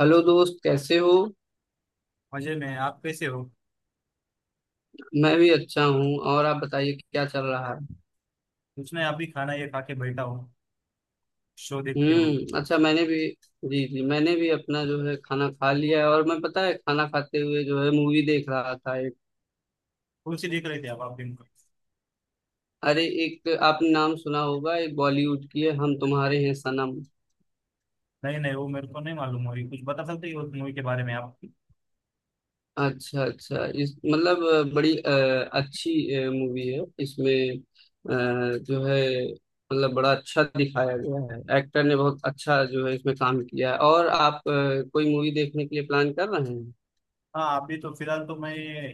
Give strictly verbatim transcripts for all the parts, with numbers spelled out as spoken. Hello दोस्त, कैसे हो। मजे में। आप कैसे हो? मैं भी अच्छा हूँ। और आप बताइए कि क्या चल रहा है। कुछ नहीं, अभी खाना ये खा के बैठा हूँ, शो देखते हुए। हम्म, अच्छा। मैंने भी जी जी, मैंने भी अपना जो है खाना खा लिया है। और मैं, पता है, खाना खाते हुए जो है मूवी देख रहा था एक। कौन सी देख रहे थे आप आप दिन को? अरे एक, आपने नाम सुना होगा, एक बॉलीवुड की है, हम तुम्हारे हैं सनम। नहीं नहीं, वो मेरे को नहीं मालूम। मूवी कुछ बता सकते हो उस मूवी के बारे में आप? अच्छा अच्छा, इस मतलब अ, बड़ी अ, अच्छी मूवी है। इसमें अ, जो है मतलब बड़ा अच्छा दिखाया गया है। एक्टर ने बहुत अच्छा जो है इसमें काम किया है। और आप अ, कोई मूवी देखने के लिए प्लान कर रहे हैं। हाँ, अभी तो फिलहाल तो मैं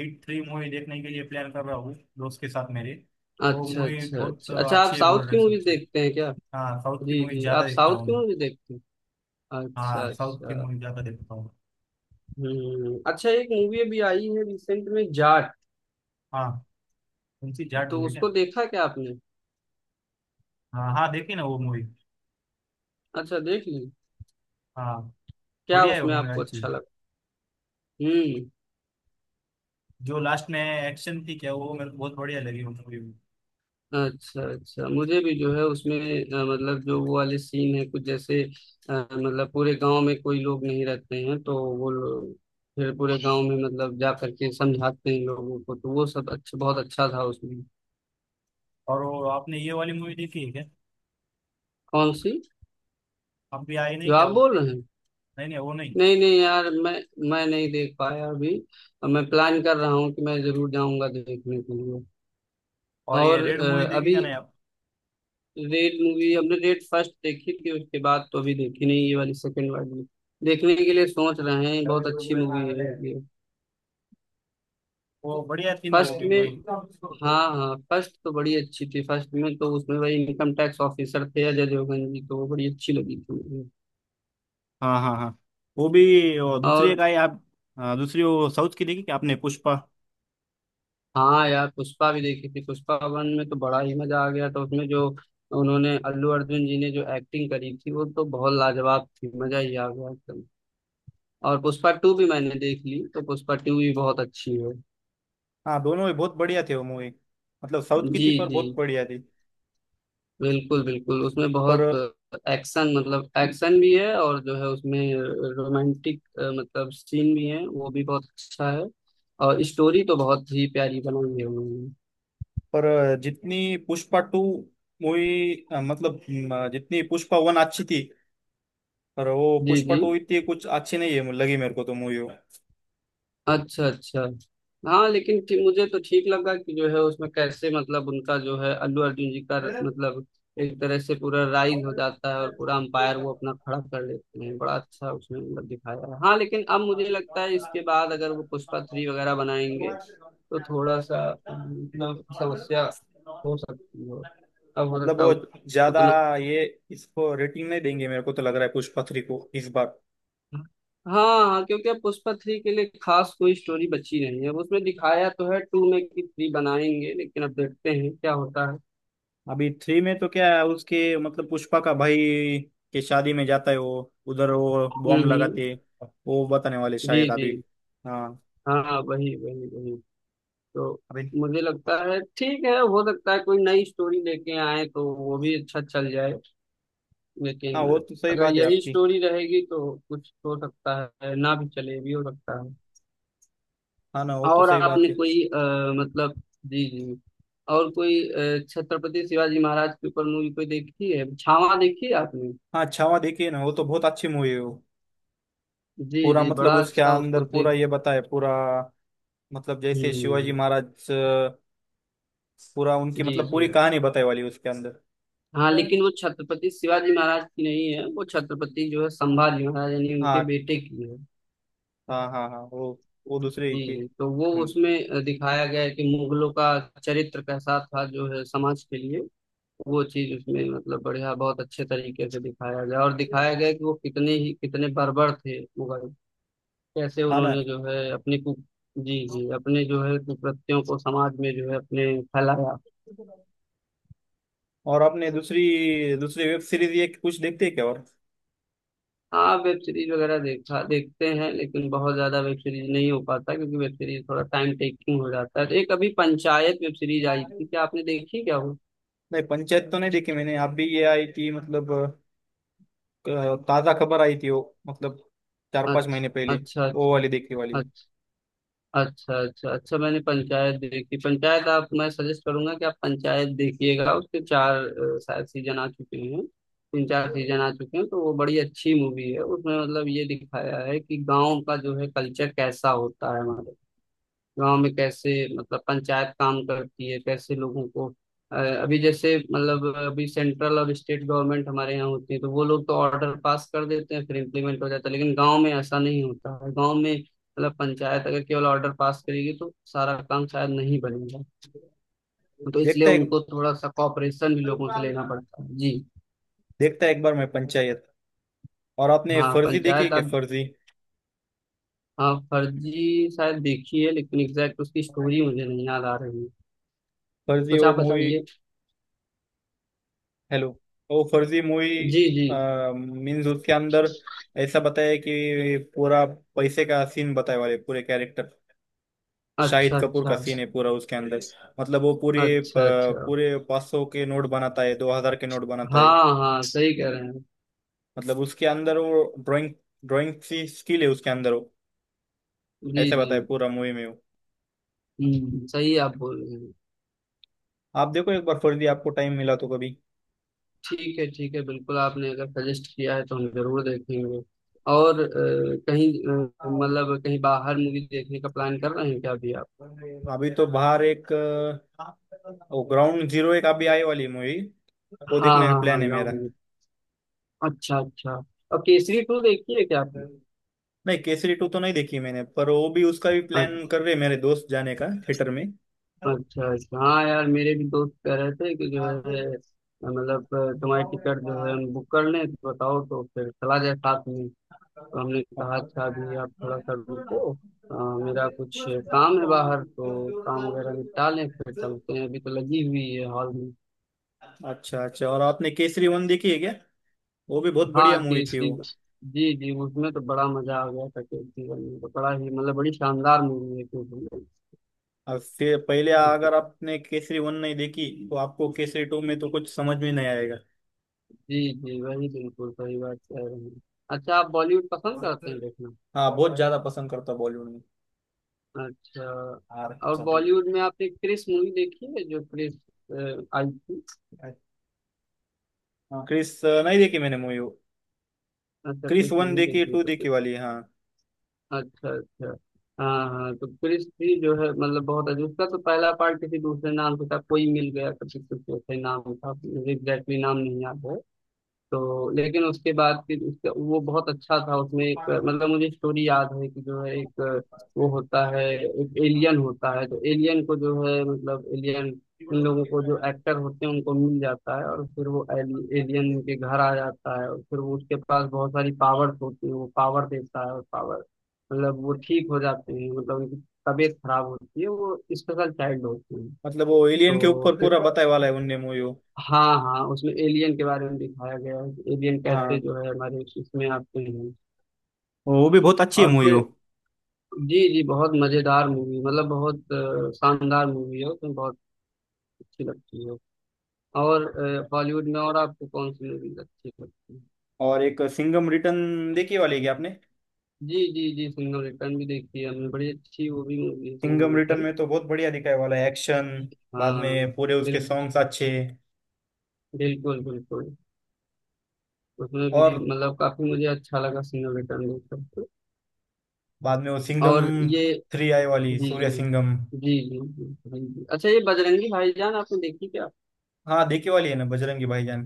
हिट थ्री मूवी देखने के लिए प्लान कर रहा हूँ, दोस्त के साथ मेरे। वो अच्छा मूवी अच्छा, बहुत अच्छा अ, अच्छा। आप अच्छी है, साउथ बोल रहे की मूवीज सोच। देखते हैं क्या। हाँ, साउथ की जी मूवी जी, ज्यादा आप देखता साउथ हूँ की मैं। मूवी देखते हैं। अच्छा हाँ, साउथ की अच्छा। मूवी ज्यादा देखता हूँ। हम्म, अच्छा। एक मूवी अभी आई है रिसेंट में, जाट, हाँ, कौन सी? जाट तो बोली ना? उसको देखा क्या आपने। हाँ हाँ, देखी ना वो मूवी। अच्छा, देख ली। हाँ, क्या बढ़िया है वो उसमें मूवी, आपको अच्छी। अच्छा लगा। हम्म। जो लास्ट में एक्शन थी क्या वो, मेरे को बहुत बढ़िया लगी वो मूवी। अच्छा अच्छा, मुझे भी जो है उसमें अ, मतलब जो वो वाले सीन है कुछ, जैसे अ, मतलब पूरे गांव में कोई लोग नहीं रहते हैं तो वो लोग फिर पूरे गांव में मतलब जा करके समझाते हैं लोगों को, तो वो सब अच्छा, बहुत अच्छा था उसमें। और वो आपने ये वाली मूवी देखी है क्या? कौन सी, अब भी आई जो नहीं क्या आप वो? बोल रहे हैं। नहीं नहीं, वो नहीं। नहीं नहीं यार, मैं मैं नहीं देख पाया अभी। मैं प्लान कर रहा हूँ कि मैं जरूर जाऊंगा देखने के लिए। और ये और रेड मूवी अ, देखी अभी क्या, नहीं आप? रेड मूवी, हमने रेड फर्स्ट देखी थी उसके बाद तो अभी देखी नहीं ये वाली, सेकंड वाली देखने के लिए सोच रहे हैं। अरे बहुत वो अच्छी बड़े मूवी नागड़े है हैं। ये। वो बढ़िया थी ना वो फर्स्ट भी में मूवी। हाँ हाँ, फर्स्ट तो बड़ी अच्छी थी। फर्स्ट में तो उसमें भाई इनकम टैक्स ऑफिसर थे अजय देवगन जी, तो वो बड़ी अच्छी लगी थी मुझे। हाँ हाँ हाँ, वो भी, वो दूसरी और एक आई आप? हाँ, दूसरी वो साउथ की देखी क्या आपने, पुष्पा? हाँ यार, पुष्पा भी देखी थी। पुष्पा वन में तो बड़ा ही मजा आ गया था। उसमें जो उन्होंने, अल्लू अर्जुन जी ने जो एक्टिंग करी थी वो तो बहुत लाजवाब थी, मजा ही आ गया एकदम। और पुष्पा टू भी मैंने देख ली, तो पुष्पा टू भी बहुत अच्छी है। हाँ, दोनों ही बहुत बढ़िया थे वो मूवी। मतलब साउथ की जी थी पर जी, बहुत बढ़िया थी। बिल्कुल बिल्कुल। उसमें पर बहुत एक्शन, मतलब एक्शन भी है, और जो है उसमें रोमांटिक मतलब सीन भी है, वो भी बहुत अच्छा है। और स्टोरी तो बहुत ही प्यारी बनाई है उन्होंने। पर जितनी पुष्पा टू मूवी मतलब म, जितनी पुष्पा वन अच्छी थी, पर वो जी पुष्पा जी। टू इतनी कुछ अच्छी नहीं है लगी मेरे को तो मूवी। अच्छा अच्छा। हाँ लेकिन ठीक- मुझे तो ठीक लगा कि जो है उसमें कैसे मतलब उनका जो है अल्लू अर्जुन जी का, मतलब एक तरह से पूरा राइज हो जाता है और पूरा अंपायर वो अपना खड़ा कर लेते हैं। बड़ा अच्छा उसमें मतलब दिखाया है। हाँ लेकिन अब मुझे लगता है इसके बाद अगर वो पुष्पा थ्री वगैरह बनाएंगे तो थोड़ा सा मतलब समस्या हो सकती है। अब हो मतलब सकता है वो उत, ज्यादा उतना। ये, इसको रेटिंग नहीं देंगे, मेरे को तो लग रहा है पुष्पा थ्री को इस बार। हाँ हाँ, क्योंकि अब पुष्पा थ्री के लिए खास कोई स्टोरी बची नहीं है। अब उसमें दिखाया तो है टू में कि थ्री बनाएंगे, लेकिन अब देखते हैं क्या होता है। अभी थ्री में तो क्या है उसके, मतलब पुष्पा का भाई के शादी में जाता है वो, उधर वो हम्म बॉम्ब हम्म, लगाते हैं। वो बताने वाले जी शायद जी। अभी। हाँ, हाँ, वही वही वही। तो अभी। मुझे लगता है ठीक है, हो सकता है कोई नई स्टोरी लेके आए तो वो भी अच्छा चल जाए, हाँ, लेकिन वो तो सही अगर बात है यही आपकी। स्टोरी रहेगी तो कुछ हो सकता है, ना भी चले, ये भी हो सकता है। हाँ ना, वो तो और सही बात आपने है। कोई अ, मतलब जी जी, और कोई अ, छत्रपति शिवाजी महाराज के ऊपर मूवी कोई देखी है, छावा देखी है आपने। हाँ, छावा देखी है ना, वो तो बहुत अच्छी मूवी है वो। जी पूरा जी, मतलब बड़ा उसके अच्छा। उसको अंदर पूरा देख ये बताए पूरा। मतलब जैसे शिवाजी हम्म, महाराज अ, पूरा उनकी, जी मतलब जी। पूरी कहानी बताई वाली उसके अंदर। हाँ लेकिन वो छत्रपति शिवाजी महाराज की नहीं है, वो छत्रपति जो है संभाजी महाराज यानी उनके हाँ बेटे की है। हाँ हाँ हाँ, वो वो दूसरे ही जी की। जी, तो वो हम्म, उसमें अ, दिखाया गया है कि मुगलों का चरित्र कैसा था जो है समाज के लिए। वो चीज उसमें मतलब बढ़िया, बहुत अच्छे तरीके से दिखाया गया, और दिखाया गया कि वो कितने ही, कितने बर्बर थे मुगल। कैसे हाँ ना। उन्होंने जो है अपनी कु जी जी, अपने जो है कुप्रतियों को समाज में जो है अपने फैलाया। और आपने दूसरी दूसरी वेब सीरीज ये कुछ देखते हैं क्या, और? हाँ वेब सीरीज वगैरह देखा, देखते हैं, लेकिन बहुत ज्यादा वेब सीरीज नहीं हो पाता क्योंकि वेब सीरीज थोड़ा टाइम टेकिंग हो जाता है। तो एक अभी पंचायत वेब सीरीज आई थी, क्या आपने देखी क्या वो। नहीं, पंचायत तो नहीं देखी मैंने। आप भी ये आई थी मतलब, अ, ताज़ा खबर आई थी वो, मतलब चार पांच महीने अच्छा पहले। अच्छा वो वाली देखने वाली। अच्छा, अच्छा अच्छा अच्छा। मैंने पंचायत देखी। पंचायत आप, मैं सजेस्ट करूंगा कि आप पंचायत देखिएगा। उसके चार अ, शायद सीजन आ चुके हैं, तीन चार सीजन आ चुके हैं। तो वो बड़ी अच्छी मूवी है। उसमें मतलब ये दिखाया है कि गांव का जो है कल्चर कैसा होता है हमारे, गांव में कैसे मतलब पंचायत काम करती है, कैसे लोगों को अ, अभी जैसे मतलब अभी सेंट्रल और स्टेट गवर्नमेंट हमारे यहाँ होती है तो वो लोग तो ऑर्डर पास कर देते हैं, फिर इम्प्लीमेंट हो जाता है। लेकिन गांव में ऐसा नहीं होता है, गांव में मतलब पंचायत अगर केवल ऑर्डर पास करेगी तो सारा काम शायद नहीं बनेगा, तो इसलिए देखता है, उनको थोड़ा सा कॉपरेशन भी लोगों से लेना पड़ता है। जी, देखता है एक बार मैं पंचायत। और आपने हाँ फर्जी देखी है पंचायत क्या, आप। फर्जी? हाँ फर्जी शायद देखी है, लेकिन एग्जैक्ट उसकी स्टोरी मुझे नहीं याद आ रही है, फर्जी कुछ वो आप मूवी। बताइए। हेलो। वो फर्जी मूवी जी जी, मीन्स, उसके अंदर ऐसा बताया है कि पूरा पैसे का सीन बताया वाले, पूरे कैरेक्टर शाहिद अच्छा कपूर का अच्छा, सीन है पूरा उसके अंदर। मतलब वो पूरे अ, अच्छा अच्छा। पूरे पाँच सौ के नोट बनाता है, दो हज़ार के नोट बनाता है। हाँ हाँ, सही कह रहे हैं। मतलब उसके अंदर वो ड्राइंग, ड्राइंग सी स्किल है उसके अंदर वो, जी ऐसे जी। बताए पूरा मूवी में वो। हम्म, सही आप बोल रहे हैं। आप देखो एक बार फर्जी, आपको टाइम मिला तो कभी। ठीक है ठीक है, बिल्कुल, आपने अगर सजेस्ट किया है तो हम जरूर देखेंगे। और अ, कहीं अ, मतलब कहीं बाहर मूवी देखने का प्लान कर रहे हैं क्या अभी आप। अभी तो बाहर एक अ, वो ग्राउंड जीरो, एक अभी आए वाली मूवी, वो हाँ देखने का हाँ प्लान हाँ, है मेरा। ग्राउंड, अच्छा अच्छा। और केसरी टू देखी है क्या आपने। नहीं, केसरी टू तो नहीं देखी मैंने, पर वो भी, उसका भी प्लान अच्छा, कर रहे हैं मेरे दोस्त जाने का थिएटर में। अच्छा अच्छा। हाँ यार, मेरे भी दोस्त कह रहे थे कि जो है मतलब अ, तुम्हारी टिकट जो है हम बुक कर लें तो बताओ, तो फिर चला जाए साथ में। तो हमने कहा था अभी अच्छा आप थोड़ा सा रुको, अ, मेरा कुछ काम है बाहर, तो काम वगैरह निपटा लें फिर चलते हैं, अभी तो लगी हुई है हॉल में। अच्छा। और आपने केसरी वन देखी है क्या? वो भी बहुत बढ़िया हाँ कि मूवी इस थी वो। दिन, जी जी, उसमें तो बड़ा मजा आ गया था। कि जीवन में तो बड़ा ही मतलब बड़ी शानदार मूवी है, क्योंकि अब फिर पहले, उस- अगर आपने केसरी वन नहीं देखी तो आपको केसरी टू में तो कुछ समझ में नहीं आएगा। जी जी, वही बिल्कुल सही बात कह रहे हैं। अच्छा, आप बॉलीवुड पसंद करते हैं देखना। हाँ, बहुत ज्यादा पसंद करता बॉलीवुड में। अच्छा। अरे और चलो। बॉलीवुड में आपने क्रिस मूवी देखी है, जो क्रिस अ, आई थी। हाँ, क्रिस अ, नहीं देखी मैंने मूवी वो। अच्छा क्रिस क्रिस वन नहीं देखी, देखी टू तो, देखी वाली, हाँ। अच्छा अच्छा। हाँ हाँ, तो क्रिस्टी जो है मतलब बहुत अच्छा। उसका तो पहला पार्ट किसी दूसरे नाम से था, कोई मिल गया कभी कुछ ऐसे नाम था, मुझे एग्जैक्टली नाम नहीं याद है। तो लेकिन उसके बाद फिर उसका वो बहुत अच्छा था। उसमें एक मतलब मुझे स्टोरी याद है कि जो है एक वो होता है, एक एलियन होता है, तो एलियन को जो है मतलब एलियन उन लोगों को जो एक्टर होते हैं उनको मिल जाता है, और फिर वो एलियन उनके घर आ जाता है, और फिर वो उसके पास बहुत सारी पावर्स होती है, वो पावर देता है, और पावर मतलब वो ठीक हो जाते हैं मतलब उनकी तबीयत खराब होती है, वो स्पेशल चाइल्ड होती है। मतलब वो एलियन के तो ऊपर फिर पूरा बताए वाला है उनने मूवी वो। हाँ हाँ, उसमें एलियन के बारे में दिखाया गया है कि एलियन कैसे हाँ, जो है हमारे इस- इसमें आते हैं। वो भी बहुत अच्छी है और मूवी वो। फिर जी जी, बहुत मजेदार मूवी, मतलब बहुत अ, शानदार मूवी है। उसमें बहुत अच्छी लगती है। और अ, हॉलीवुड में और आपको कौन सी मूवी अच्छी लगती है। और एक सिंघम रिटर्न देखी वाली है क्या आपने? जी जी जी, सिंघम रिटर्न भी देखी है हमने, बड़ी अच्छी वो भी मूवी है सिंघम सिंघम रिटर्न रिटर्न। में तो बहुत बढ़िया दिखाया वाला है एक्शन, बाद हाँ, में पूरे उसके बिल्कुल सॉन्ग्स अच्छे। बिल्कुल बिल्कुल। उसमें भी और मतलब काफी मुझे अच्छा लगा सिंघम रिटर्न देखकर। बाद में वो सिंघम और ये थ्री आई वाली जी सूर्य सिंघम। जी जी, जी जी। हाँ जी। अच्छा, ये बजरंगी भाईजान आपने देखी क्या। हाँ, देखी वाली है ना बजरंगी भाईजान।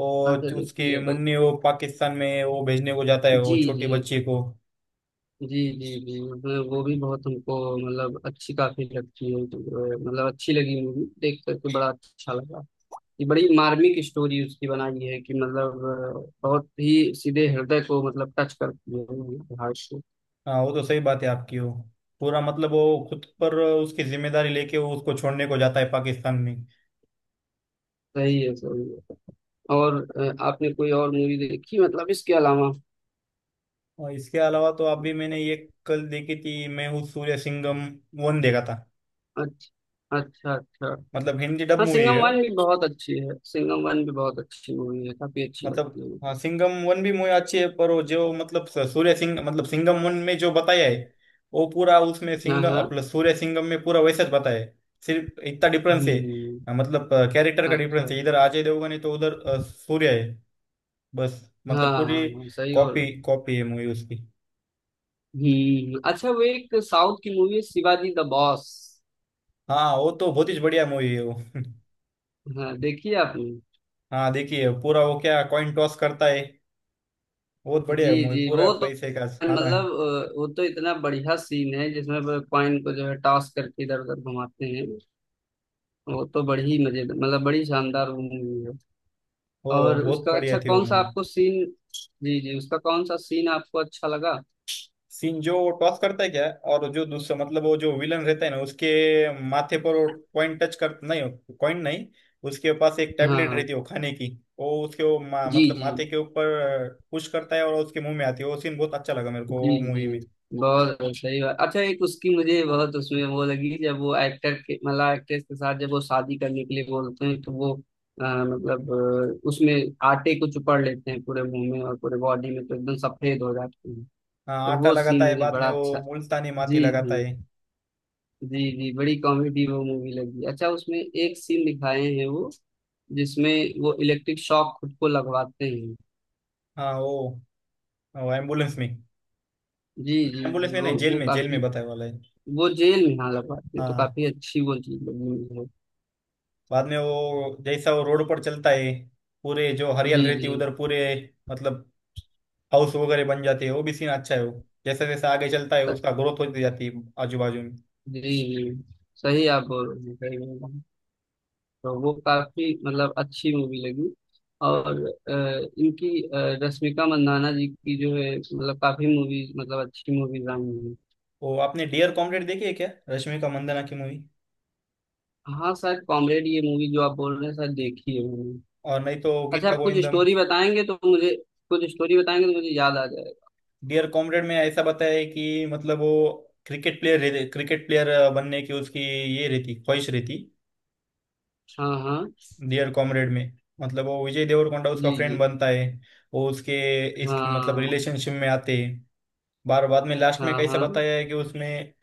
और अच्छा, उसके देखी है बस। मुन्नी, वो पाकिस्तान में वो भेजने को जाता है वो जी छोटी जी, बच्ची को। जी जी जी, वो वो भी बहुत हमको मतलब अच्छी, काफी लगती है तो अ, मतलब अच्छी लगी मूवी, देख करके बड़ा अच्छा लगा। ये बड़ी मार्मिक स्टोरी उसकी बनाई है कि मतलब अ, बहुत ही सीधे हृदय को मतलब टच करती है वो भाई को। हाँ, वो तो सही बात है आपकी वो। पूरा मतलब वो खुद पर उसकी जिम्मेदारी लेके वो उसको छोड़ने को जाता है पाकिस्तान में। सही है सही है। और अ, आपने कोई और मूवी देखी मतलब इसके अलावा। और इसके अलावा तो अभी मैंने ये कल देखी थी, मैं हूँ सूर्य सिंघम वन देखा था। अच्छा अच्छा अच्छा। मतलब हिंदी डब हाँ मूवी सिंघम है वन भी वो। बहुत अच्छी है, सिंघम वन भी बहुत अच्छी मूवी है, काफी अच्छी मतलब लगती है हाँ, मुझे। सिंघम वन भी मूवी अच्छी है, पर वो जो मतलब स- सूर्य सिंह मतलब सिंघम वन में जो बताया है, वो पूरा उसमें हाँ सिंघम हाँ। अपना सूर्य सिंघम में पूरा वैसा ही बताया है। सिर्फ इतना डिफरेंस हम्म। है। मतलब कैरेक्टर का डिफरेंस अच्छा। है, इधर अजय देवगन है तो उधर अ, सूर्य है। बस। हाँ मतलब हाँ पूरी हाँ, सही बोल रहे कॉपी हो। कॉपी है मूवी उसकी। हम्म, अच्छा, वो एक साउथ की मूवी है शिवाजी द बॉस। हाँ, वो तो बहुत ही बढ़िया मूवी है वो। हाँ देखिए आपने। हाँ, देखिए पूरा वो क्या, कॉइन टॉस करता है। बहुत बढ़िया जी है मूवी, जी, पूरा वो तो पैसे का, हाँ ना? मतलब अ, वो तो इतना बढ़िया सीन है जिसमें वो कॉइन को जो है टॉस करके इधर उधर घुमाते हैं, वो तो बड़ी मजेदार, मतलब बड़ी शानदार वो मूवी है। वो और बहुत उसका बढ़िया अच्छा थी वो कौन सा मूवी। आपको सीन, जी जी, उसका कौन सा सीन आपको अच्छा लगा। सीन जो वो टॉस करता है क्या, और जो दूसरा, मतलब वो जो विलन रहता है ना, उसके माथे पर वो कॉइन टच कर, नहीं कॉइन नहीं, उसके पास एक टैबलेट रहती हाँ, है वो खाने की, वो उसके वो मा, जी मतलब जी माथे के ऊपर पुश करता है और उसके मुंह में आती है, वो सीन बहुत अच्छा लगा मेरे को जी। वो मूवी जी में। बहुत सही बात, अच्छा एक उसकी मुझे बहुत उसमें वो लगी जब वो एक्टर के मतलब एक्ट्रेस के साथ जब वो शादी करने के लिए बोलते हैं तो वो अ, मतलब अ, उसमें आटे को चुपड़ लेते हैं पूरे मुंह में और पूरे बॉडी में, तो एकदम सफेद हो जाते हैं, हाँ, तो आटा वो लगाता सीन है, मुझे बाद में बड़ा वो अच्छा। मुल्तानी माटी जी लगाता है। जी, जी जी, बड़ी कॉमेडी वो मूवी लगी। अच्छा उसमें एक सीन दिखाए हैं वो जिसमें वो इलेक्ट्रिक शॉक खुद को लगवाते हैं। हाँ, वो, वो एम्बुलेंस में। जी जी एम्बुलेंस जी, में वो नहीं, जेल वो में, जेल काफी, में बताया वाला है। वो जेल में हाँ लगा, ये तो हाँ, काफी अच्छी वो चीज लगी है। बाद में वो, जैसा वो रोड पर चलता है, पूरे जो जी हरियाल रहती जी, है उधर पूरे, मतलब हाउस वगैरह बन जाते हैं, वो भी सीन अच्छा है वो। जैसे जैसे आगे चलता है स- उसका ग्रोथ होती जाती है आजू बाजू में। जी जी, सही आप बोल रहे हैं, सही बोल रहे हैं। तो वो काफी मतलब अच्छी मूवी लगी। और अ, इनकी अ, रश्मिका मंदाना जी की जो है मतलब काफी मूवीज, मतलब अच्छी मूवीज आई हैं। वो आपने डियर कॉम्रेड देखी है क्या, रश्मिका मंदाना की मूवी? हाँ शायद कॉमरेड ये मूवी जो आप बोल रहे हैं शायद देखी है मैंने। और नहीं तो अच्छा गीता आप कुछ गोविंदम। स्टोरी बताएंगे तो मुझे, कुछ स्टोरी बताएंगे तो मुझे याद आ जाएगा। डियर कॉमरेड में ऐसा बताया है कि मतलब वो क्रिकेट प्लेयर, क्रिकेट प्लेयर बनने की उसकी ये रहती, ख्वाहिश रहती। हाँ हाँ। डियर कॉमरेड में मतलब वो विजय देवरकोंडा उसका जी फ्रेंड जी। बनता है। वो उसके इस मतलब हाँ रिलेशनशिप में आते हैं। बार बाद में लास्ट में हाँ कैसा हाँ। बताया है कि उसमें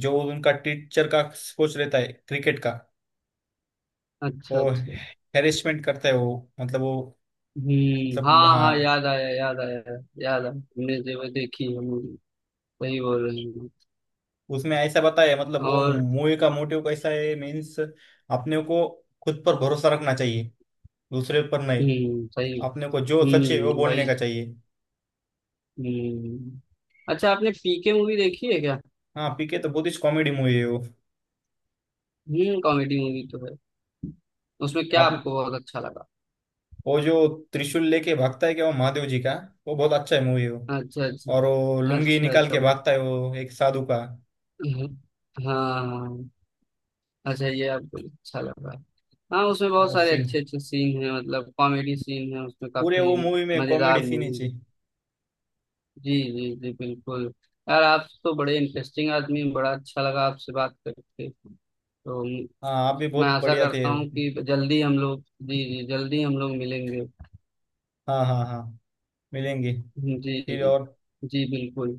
जो उनका टीचर का, कोच रहता है क्रिकेट का, अच्छा वो अच्छा। हेरेसमेंट करता है वो, मतलब वो, हम्म, मतलब हाँ हाँ, हाँ। याद आया, याद आया, याद आया, हमने जो देखी हम, सही बोल रहे हैं। उसमें ऐसा बताया है, मतलब वो और मूवी का मोटिव कैसा है मीन्स, अपने को खुद पर भरोसा रखना चाहिए, दूसरे पर नहीं। हम्म, सही। अपने को जो सच है वो हम्म, बोलने वही। का चाहिए। हम्म, अच्छा आपने पीके मूवी देखी है क्या। हाँ, पीके तो बहुत ही कॉमेडी मूवी है वो। हम्म, कॉमेडी मूवी तो है, उसमें क्या आप आपको बहुत अच्छा लगा। वो जो त्रिशूल लेके भागता है क्या वो, महादेव जी का, वो बहुत अच्छा है मूवी वो। अच्छा अच्छा, और वो लुंगी अच्छा निकाल अच्छा। के भागता है वो, एक साधु का। हम्म, हाँ हाँ। अच्छा, ये आपको अच्छा लगा। हाँ उसमें बहुत वो सारे सीन अच्छे अच्छे सीन हैं, मतलब कॉमेडी सीन है उसमें पूरे वो काफी, मूवी में मजेदार कॉमेडी सीन ही थी। मूवी। जी जी जी, बिल्कुल। यार आप तो बड़े इंटरेस्टिंग आदमी हैं, बड़ा अच्छा लगा आपसे बात करके। तो म- हाँ, आप भी मैं बहुत आशा बढ़िया थे, करता हाँ। हूँ कि जल्दी हम लोग, जी जी जल्दी हम लोग मिलेंगे। हाँ हाँ, मिलेंगे। जी फिर जी और। जी, बिल्कुल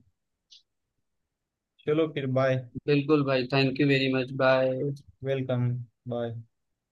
चलो फिर बाय। बिल्कुल। भाई thank you very much, bye. Welcome. Bye.